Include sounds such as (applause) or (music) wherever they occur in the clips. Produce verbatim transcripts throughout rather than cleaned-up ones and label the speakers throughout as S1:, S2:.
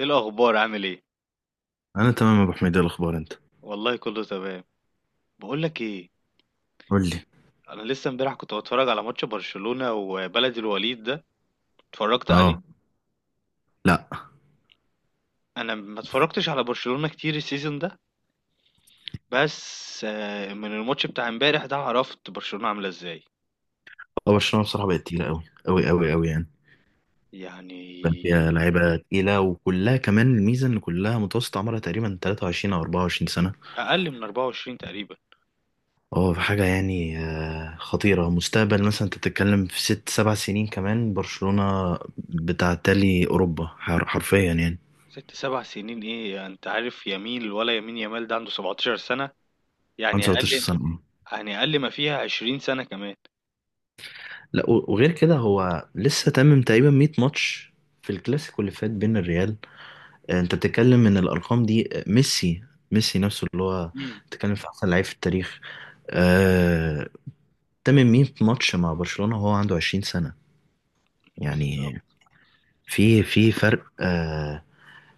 S1: ايه الاخبار؟ عامل ايه؟
S2: انا تمام يا ابو حميد، إيه الاخبار انت؟
S1: والله كله تمام. بقول لك ايه،
S2: قول لي.
S1: انا لسه امبارح كنت بتفرج على ماتش برشلونة وبلد الوليد ده. اتفرجت عليه.
S2: اه. لا،
S1: انا ما اتفرجتش على برشلونة كتير السيزون ده، بس آه، من الماتش بتاع امبارح ده عرفت برشلونة عاملة ازاي.
S2: هو برشلونه بصراحه بقت تقيله قوي قوي قوي قوي يعني. بقى
S1: يعني
S2: فيها لعيبه تقيله، وكلها كمان الميزه ان كلها متوسط عمرها تقريبا تلاتة وعشرين او اربعة وعشرين سنه.
S1: اقل من أربعة وعشرين تقريبا.
S2: اه في حاجه يعني آه، خطيره مستقبل. مثلا انت بتتكلم في ست سبع سنين كمان برشلونه بتعتلي اوروبا حر- حرفيا يعني.
S1: ست سبع سنين ايه؟ انت عارف يمين ولا يمين؟ يامال ده عنده سبعة عشر سنة،
S2: عن
S1: يعني
S2: تلتاشر
S1: اقل.
S2: سنه آه.
S1: يعني اقل ما فيها عشرين سنة كمان.
S2: لا، و- وغير كده، هو لسه تمم تقريبا ميت ماتش في الكلاسيكو اللي فات بين الريال. انت بتتكلم ان الارقام دي ميسي، ميسي نفسه اللي هو
S1: امم
S2: بتتكلم في احسن لعيب في التاريخ. آه... تمم ميت ماتش مع برشلونة وهو عنده عشرين سنة يعني.
S1: بالظبط.
S2: في في فرق آه...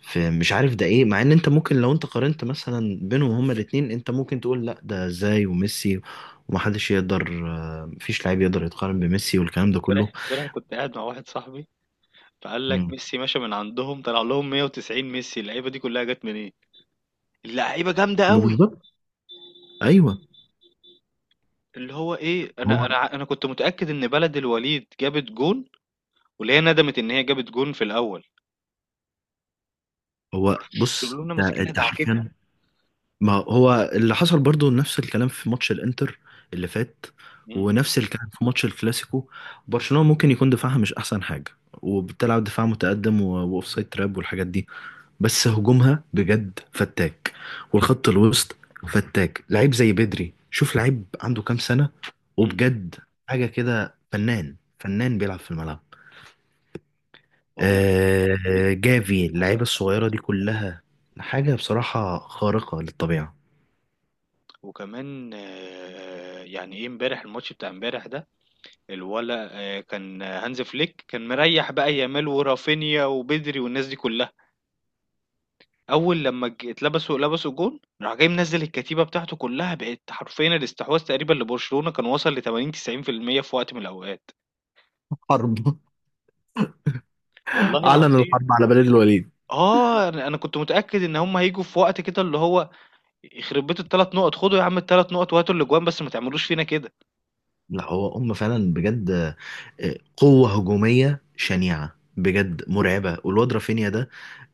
S2: في مش عارف ده ايه، مع ان انت ممكن لو انت قارنت مثلا بينهم هما الاتنين، انت ممكن تقول لا ده ازاي وميسي، ومحدش يقدر آه... مفيش لعيب يقدر يتقارن بميسي والكلام ده
S1: امبارح
S2: كله.
S1: امبارح كنت قاعد مع واحد صاحبي، فقال لك
S2: مم.
S1: ميسي مشى من عندهم، طلع لهم مية وتسعين. ميسي اللعيبه دي كلها جت منين؟ اللعيبه جامده
S2: ما
S1: قوي.
S2: بالظبط. ايوه.
S1: اللي هو ايه، انا
S2: هو
S1: انا ع- انا كنت متاكد ان بلد الوليد جابت جون، واللي هي ندمت ان هي جابت جون في الاول.
S2: هو بص،
S1: برشلونه
S2: انت
S1: ماسكينها
S2: انت
S1: دعكتها.
S2: حرفيا. ما هو اللي حصل برضو نفس الكلام في ماتش الانتر اللي فات،
S1: امم.
S2: ونفس الكلام في ماتش الكلاسيكو. برشلونة ممكن يكون دفاعها مش احسن حاجة، وبتلعب دفاع متقدم و- واوفسايد تراب والحاجات دي، بس هجومها بجد فتاك، والخط الوسط فتاك. لعيب زي بدري، شوف لعيب عنده كام سنة
S1: امم.
S2: وبجد حاجة كده، فنان فنان بيلعب في الملعب.
S1: ما هو،
S2: آه
S1: بيدري
S2: جافي،
S1: أحسن
S2: اللعيبة
S1: لعيب.
S2: الصغيرة دي كلها حاجة بصراحة خارقة للطبيعة.
S1: وكمان آه، يعني ايه، امبارح الماتش بتاع امبارح ده، الولا آه، كان هانز فليك كان مريح بقى يامال ورافينيا وبدري والناس دي كلها. أول لمّا ج اتلبسوا لبسوا جون، راح جاي منزّل الكتيبة بتاعته كلّها، بقت حرفيًا الاستحواذ تقريبًا لبرشلونة كان وصل لتمانين، تسعين في المية في المية في وقت من الأوقات.
S2: حرب،
S1: والله
S2: أعلن
S1: العظيم.
S2: الحرب على بلاد الوليد.
S1: آه، أنا أنا كنت متأكد إن هُم هييجوا في وقت كده، اللي هو يخرب بيت التلات نقط. خدوا يا عم التلات نقط وهاتوا الأجوان، بس ما تعملوش فينا كده.
S2: لا هو هم فعلا بجد آه، قوة هجومية شنيعة بجد مرعبة، والواد رافينيا ده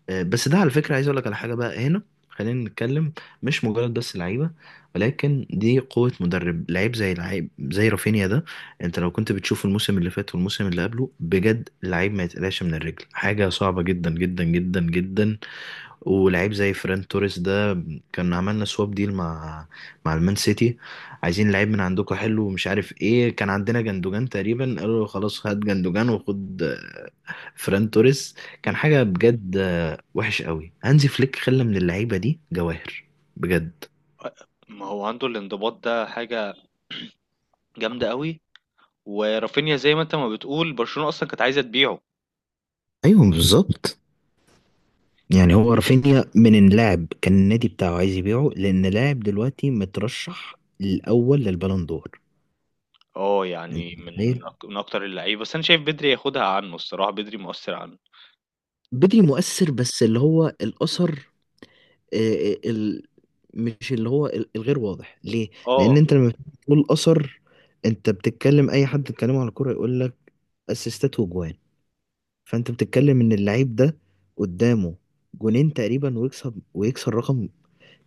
S2: آه، بس ده على فكرة، عايز أقول لك على حاجة بقى هنا. خلينا نتكلم، مش مجرد بس لعيبة، ولكن دي قوة مدرب. لعيب زي لعيب زي رافينيا ده، أنت لو كنت بتشوف الموسم اللي فات والموسم اللي قبله، بجد لعيب ما يتقلقش من الرجل، حاجة صعبة جدا جدا جدا جدا. ولعيب زي فران توريس ده، كان عملنا سواب ديل مع مع المان سيتي. عايزين لعيب من عندكم حلو ومش عارف ايه، كان عندنا جندوجان تقريبا، قالوا له خلاص هات جندوجان وخد آه، فران توريس. كان
S1: إمم.
S2: حاجة بجد آه، وحش قوي، هانزي فليك خلى من اللعيبة دي جواهر بجد.
S1: أ ما هو عنده الانضباط، ده حاجة جامدة أوي. ورافينيا زي ما أنت ما بتقول، برشلونة أصلًا كانت عايزة تبيعه.
S2: ايوه، بالظبط. يعني هو رافينيا من اللاعب كان النادي بتاعه عايز يبيعه، لان لاعب دلوقتي مترشح الاول للبالون دور.
S1: آه
S2: انت
S1: يعني من
S2: متخيل؟
S1: أك من أكتر اللعيبة، بس أنا شايف بدري ياخدها عنه الصراحة، بدري مؤثّر عنه.
S2: بدري مؤثر، بس اللي هو الاثر آه، آه، ال- مش اللي هو ال- الغير واضح ليه. لان
S1: آه.
S2: انت لما بتقول اثر، انت بتتكلم اي حد بيتكلمه على الكوره يقول لك اسيستات وجوان. فانت بتتكلم ان اللعيب ده قدامه جونين تقريبا، ويكسب ويكسر رقم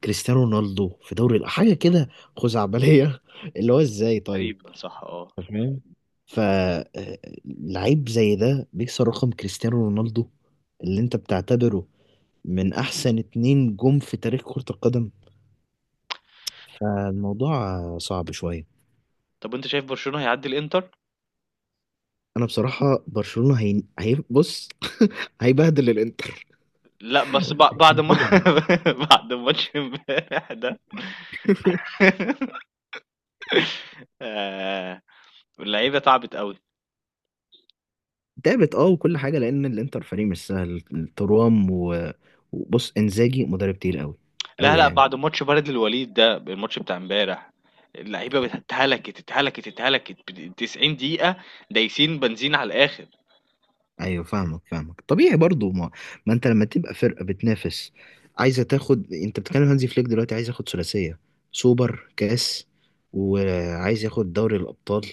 S2: كريستيانو رونالدو في دوري الأ- حاجه كده خزعبليه (laughs) اللي هو ازاي طيب.
S1: تقريبًا صح. آه.
S2: أنت فاهم؟ فلعيب زي ده بيكسر رقم كريستيانو رونالدو اللي انت بتعتبره من احسن اتنين جم في تاريخ كرة القدم، فالموضوع صعب شوية.
S1: طب وأنت شايف برشلونة هيعدّي الإنتر؟
S2: أنا بصراحة برشلونة هي... هي... بص، (laughs) هيبهدل الإنتر،
S1: لأ، بس بع بعد ما
S2: هيبهدلهم.
S1: (laughs) بعد ماتش امبارح ده.
S2: (laughs)
S1: (laughs) آآ اللعيبة تعبت أوي.
S2: تعبت، اه، وكل حاجة، لأن الإنتر فريق مش سهل، ترام و... وبص، إنزاجي مدرب تقيل أوي
S1: لا،
S2: أوي
S1: لأ،
S2: يعني.
S1: بعد ماتش بلد الوليد ده، الماتش بتاع امبارح، اللعيبة بت اتهلكت، اتهلكت، اتهلكت بت تسعين دقيقة دايسين بنزين على الآخر.
S2: أيوه فاهمك، فاهمك طبيعي برضو، ما, ما أنت لما تبقى فرقة بتنافس عايزة تاخد. أنت بتتكلم هانزي فليك دلوقتي عايز ياخد ثلاثية، سوبر كاس وعايز ياخد دوري الأبطال.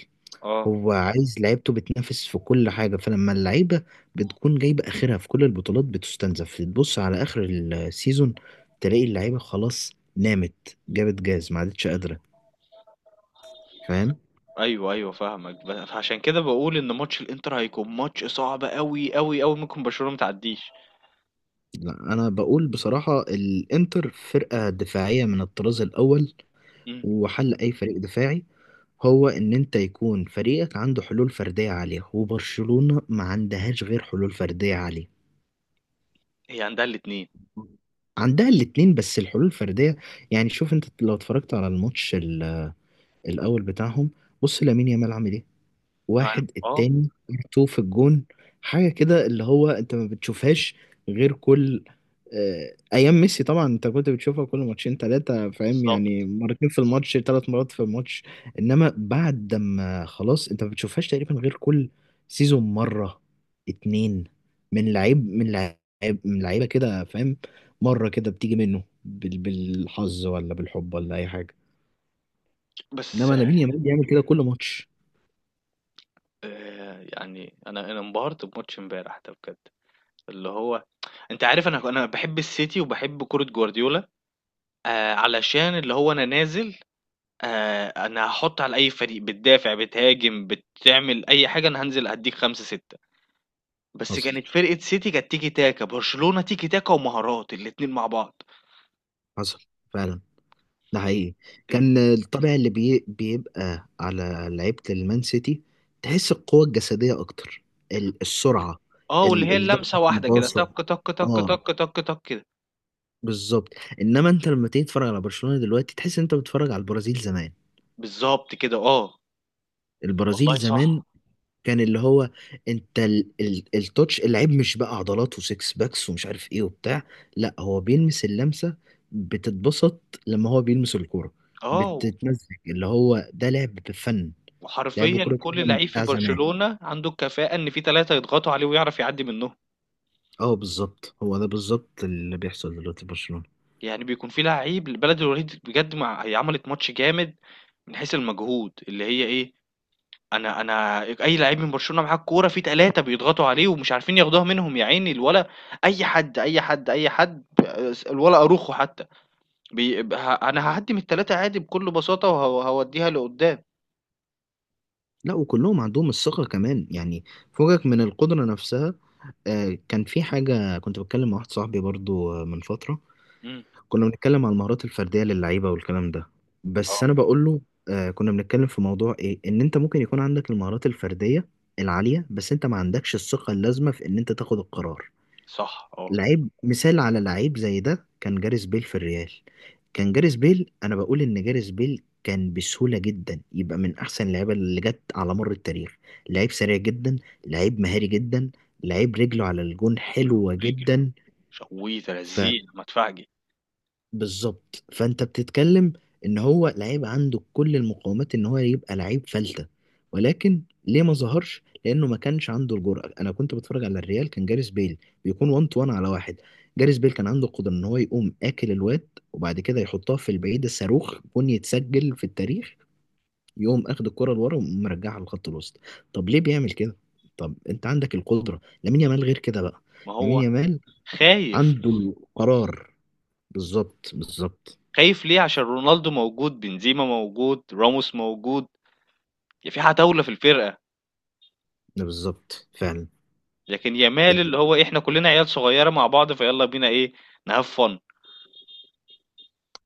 S1: آه.
S2: هو عايز لعيبته بتنافس في كل حاجة، فلما اللعيبة بتكون جايبة آخرها في كل البطولات بتستنزف، تبص على آخر السيزون تلاقي اللعيبة خلاص نامت، جابت جاز ما عادتش قادرة. فاهم؟
S1: أيوه، أيوه فاهمك. ب فعشان كده باقول إن ماتش الإنتر هيكون ماتش صعب أوي، أوي، أوي. ممكن برشلونة ما تعدّيش.
S2: لا، أنا بقول بصراحة، الإنتر فرقة دفاعية من الطراز الأول،
S1: إمم.
S2: وحل أي فريق دفاعي هو إن أنت يكون فريقك عنده حلول فردية عالية، وبرشلونة ما عندهاش غير حلول فردية عالية.
S1: هي عندها الاتنين.
S2: عندها الاتنين، بس الحلول الفردية يعني شوف، انت لو اتفرجت على الماتش الاول بتاعهم، بص لامين يامال عامل ايه.
S1: يعني.
S2: واحد
S1: آه.
S2: التاني تو في الجون، حاجه كده اللي هو انت ما بتشوفهاش غير كل آه، ايام ميسي طبعا، انت كنت بتشوفها كل ماتشين ثلاثه فاهم يعني،
S1: بالضبط.
S2: مرتين في الماتش، ثلاث مرات في الماتش. انما بعد ما خلاص، انت ما بتشوفهاش تقريبا غير كل سيزون مره اتنين، من لعيب من لعيب من لعيبه كده فاهم، مره كده بتيجي منه بال- بالحظ ولا بالحب ولا اي حاجه،
S1: بس
S2: انما لامين يامال بيعمل كده كل ماتش.
S1: آآ يعني أنا أنا انبهرت بماتش امبارح ده بجد. اللي هو، أنت عارف، أنا أنا باحب السيتي وباحب كورة جوارديولا. آآ علشان اللي هو أنا نازل. آآ أنا هاحُط على أي فريق، بتدافع، بتهاجم، بتعمل أي حاجة، أنا هانزل أدّيك خمسة، ستة. بس
S2: حصل
S1: كانت فرقة سيتي كانت تيكي تاكا، برشلونة تيكي تاكا ومهارات الاتنين مع بعض.
S2: حصل فعلا، ده حقيقي.
S1: ال
S2: كان الطابع اللي بي بيبقى على لعيبة المان سيتي، تحس القوة الجسدية أكتر، ال- السرعة،
S1: آه واللي
S2: ال-
S1: هي
S2: الضغط،
S1: اللمسة واحدة كده،
S2: الباصة.
S1: تَك، تَك، تَك، تَك،
S2: اه
S1: تَك، تَك كده.
S2: بالظبط. انما انت لما تيجي تتفرج على برشلونة دلوقتي، تحس انت بتتفرج على البرازيل زمان.
S1: بالضبط كده. آه،
S2: البرازيل
S1: والله
S2: زمان
S1: صح.
S2: كان اللي هو انت ال- ال- التوتش، اللعيب مش بقى عضلات وسكس باكس ومش عارف ايه وبتاع، لا هو بيلمس اللمسة بتتبسط لما هو بيلمس الكورة،
S1: آه.
S2: بتتمزج اللي هو ده لعب بفن. لعب
S1: وحرفيًا
S2: كورة
S1: كل
S2: بفن
S1: لعيب في
S2: بتاع زمان.
S1: برشلونة عنده الكفاءة إن في تلاتة يضغطوا عليه ويعرف يعدي منهم.
S2: اه بالظبط، هو ده بالظبط اللي بيحصل دلوقتي في برشلونة.
S1: يعني بيكون في لعيب، البلد الوليد بجد، مع هي عملت ماتش جامد من حيث المجهود، اللي هي إيه، أنا أنا أي لعيب من برشلونة معاه الكورة في تلاتة بيضغطوا عليه ومش عارفين ياخدوها منهم يا عيني. الولا أي حد، أي حد، أي حد. س الولا أروخو حتى. بي ب ه أنا هاعدي من التلاتة عادي بكل بساطة، وه هاوديها لقدام.
S2: لا وكلهم عندهم الثقة كمان يعني فوقك من القدرة نفسها. آه، كان في حاجة كنت بتكلم مع واحد صاحبي برضو آه، من فترة،
S1: إمم.
S2: كنا بنتكلم على المهارات الفردية للعيبة والكلام ده، بس
S1: آه.
S2: أنا بقول له آه كنا بنتكلم في موضوع إيه، إن أنت ممكن يكون عندك المهارات الفردية العالية، بس أنت ما عندكش الثقة اللازمة في إن أنت تاخد القرار.
S1: صح. آه.
S2: لعيب مثال على لعيب زي ده كان جاريس بيل في الريال. كان جاريس بيل، أنا بقول إن جاريس بيل كان بسهولة جدا يبقى من أحسن اللعيبة اللي جت على مر التاريخ. لعيب سريع جدا، لعيب مهاري جدا، لعيب رجله على الجون
S1: رجله،
S2: حلوة
S1: رجله،
S2: جدا.
S1: ش وترزيع مدفعجي.
S2: بالظبط، فانت بتتكلم ان هو لعيب عنده كل المقومات ان هو يبقى لعيب فلتة، ولكن ليه ما ظهرش؟ لانه ما كانش عنده الجرأة. انا كنت بتفرج على الريال، كان جاريس بيل بيكون واحد تو واحد على واحد. جاريس بيل كان عنده القدرة ان هو يقوم اكل الواد وبعد كده يحطها في البعيدة، صاروخ جون يتسجل في التاريخ، يقوم اخد الكرة لورا ومرجعها لخط الوسط. طب ليه بيعمل كده؟ طب انت عندك القدرة. لامين يامال غير كده بقى،
S1: ما
S2: لامين
S1: هو
S2: يامال
S1: خايف.
S2: عنده القرار. بالظبط بالظبط،
S1: خايف ليه؟ عشان رونالدو موجود، بنزيما موجود، راموس موجود، ي في عتاولة في الفرقة.
S2: بالظبط فعلا.
S1: لكن يامال اللي هو إيه، إحنا كلنا عيال صغيرة مع بعض، فيالّا بينا إيه، نhave fun.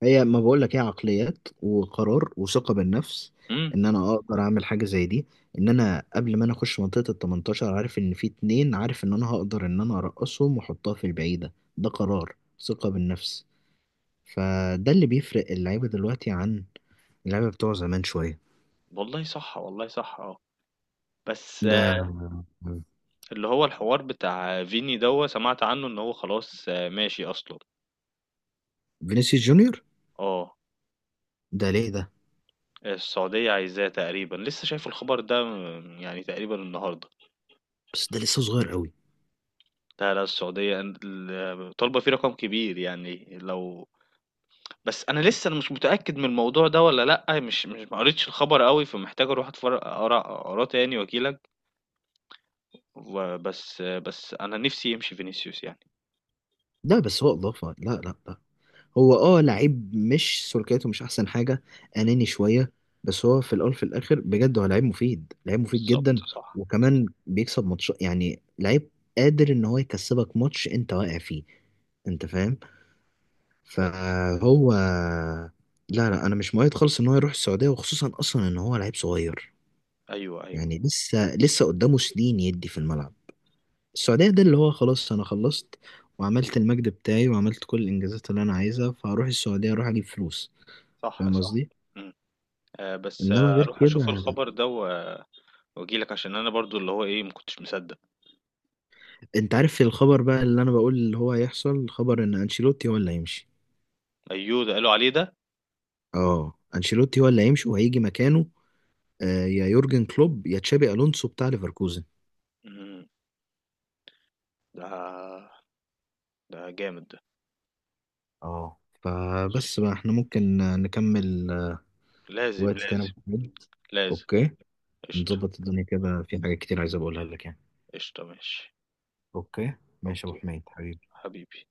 S2: هي، ما بقول لك، هي عقليات وقرار وثقة بالنفس
S1: إمم.
S2: ان انا اقدر اعمل حاجة زي دي، ان انا قبل ما انا اخش منطقة ال تمنتاشر عارف ان في اتنين، عارف ان انا هقدر ان انا ارقصهم واحطها في البعيدة. ده قرار، ثقة بالنفس. فده اللي بيفرق اللعيبة دلوقتي عن اللعيبة بتوع زمان شوية.
S1: والله صح، والله صح. آه. بس
S2: ده
S1: آه، اللي هو الحوار بتاع فيني دوّة، سمعت عنه إن هو خلاص آه، ماشي أصلًا.
S2: فينيسيوس جونيور؟
S1: آه.
S2: ده ليه ده؟
S1: السعودية عايزاه تقريبًا، لسه شايف الخبر ده م يعني تقريبًا النهارده.
S2: بس ده لسه صغير قوي.
S1: لا، لا، السعودية أن ال طالبة فيه رقم كبير، يعني لو، بس أنا لسه أنا مش متأكد من الموضوع ده والّا لأ. مش مش ما قريتش الخبر أوي، فمحتاج أروح أتفر أقرا أقراه تاني وأجي لك. وبس بس أنا نِفْسي يمشي فينيسيوس يعني.
S2: ده بس هو اضافة، لا لا. لا هو اه لعيب، مش سلوكياته مش احسن حاجه،
S1: إمم.
S2: اناني شويه، بس هو في الاول في الاخر بجد هو لعيب مفيد، لعيب مفيد
S1: بالضبط
S2: جدا.
S1: صح.
S2: وكمان بيكسب ماتش، يعني لعيب قادر ان هو يكسبك ماتش انت واقع فيه، انت فاهم.
S1: بس.
S2: فهو، لا لا، انا مش مؤيد خالص ان هو يروح السعوديه، وخصوصا اصلا ان هو لعيب صغير،
S1: أيوه، أيوه.
S2: يعني لسه لسه قدامه سنين يدي في الملعب. السعوديه ده اللي هو خلاص انا خلصت وعملت المجد بتاعي وعملت كل الانجازات اللي انا عايزها، فهروح السعوديه اروح اجيب فلوس.
S1: صح،
S2: فاهم
S1: صح.
S2: قصدي؟
S1: إمم. آآ، بس
S2: انما
S1: آه
S2: غير
S1: أروح
S2: كده،
S1: أشوف الخبر ده و وأجي لك، عشان أنا برضه اللي هو إيه، ما كنتش مصدّق.
S2: انت عارف الخبر بقى اللي انا بقول اللي هو هيحصل، خبر ان انشيلوتي هو اللي هيمشي.
S1: أيوه، ده قالوا عليه ده!
S2: اه، انشيلوتي هو اللي هيمشي وهيجي مكانه آه، يا يورجن كلوب يا تشابي الونسو بتاع ليفركوزن.
S1: إمم. ده ده جامد ده.
S2: اه فبس بقى احنا ممكن آه، نكمل آه،
S1: لازم،
S2: وقت تاني أبو
S1: لازم،
S2: حميد.
S1: لازم.
S2: اوكي،
S1: قشطة.
S2: نظبط الدنيا كده، في حاجات كتير عايز أبقى اقولها لك يعني.
S1: قشطة. ماشي.
S2: اوكي، ماشي يا ابو
S1: أوكي.
S2: حميد حبيبي.
S1: حبيبي.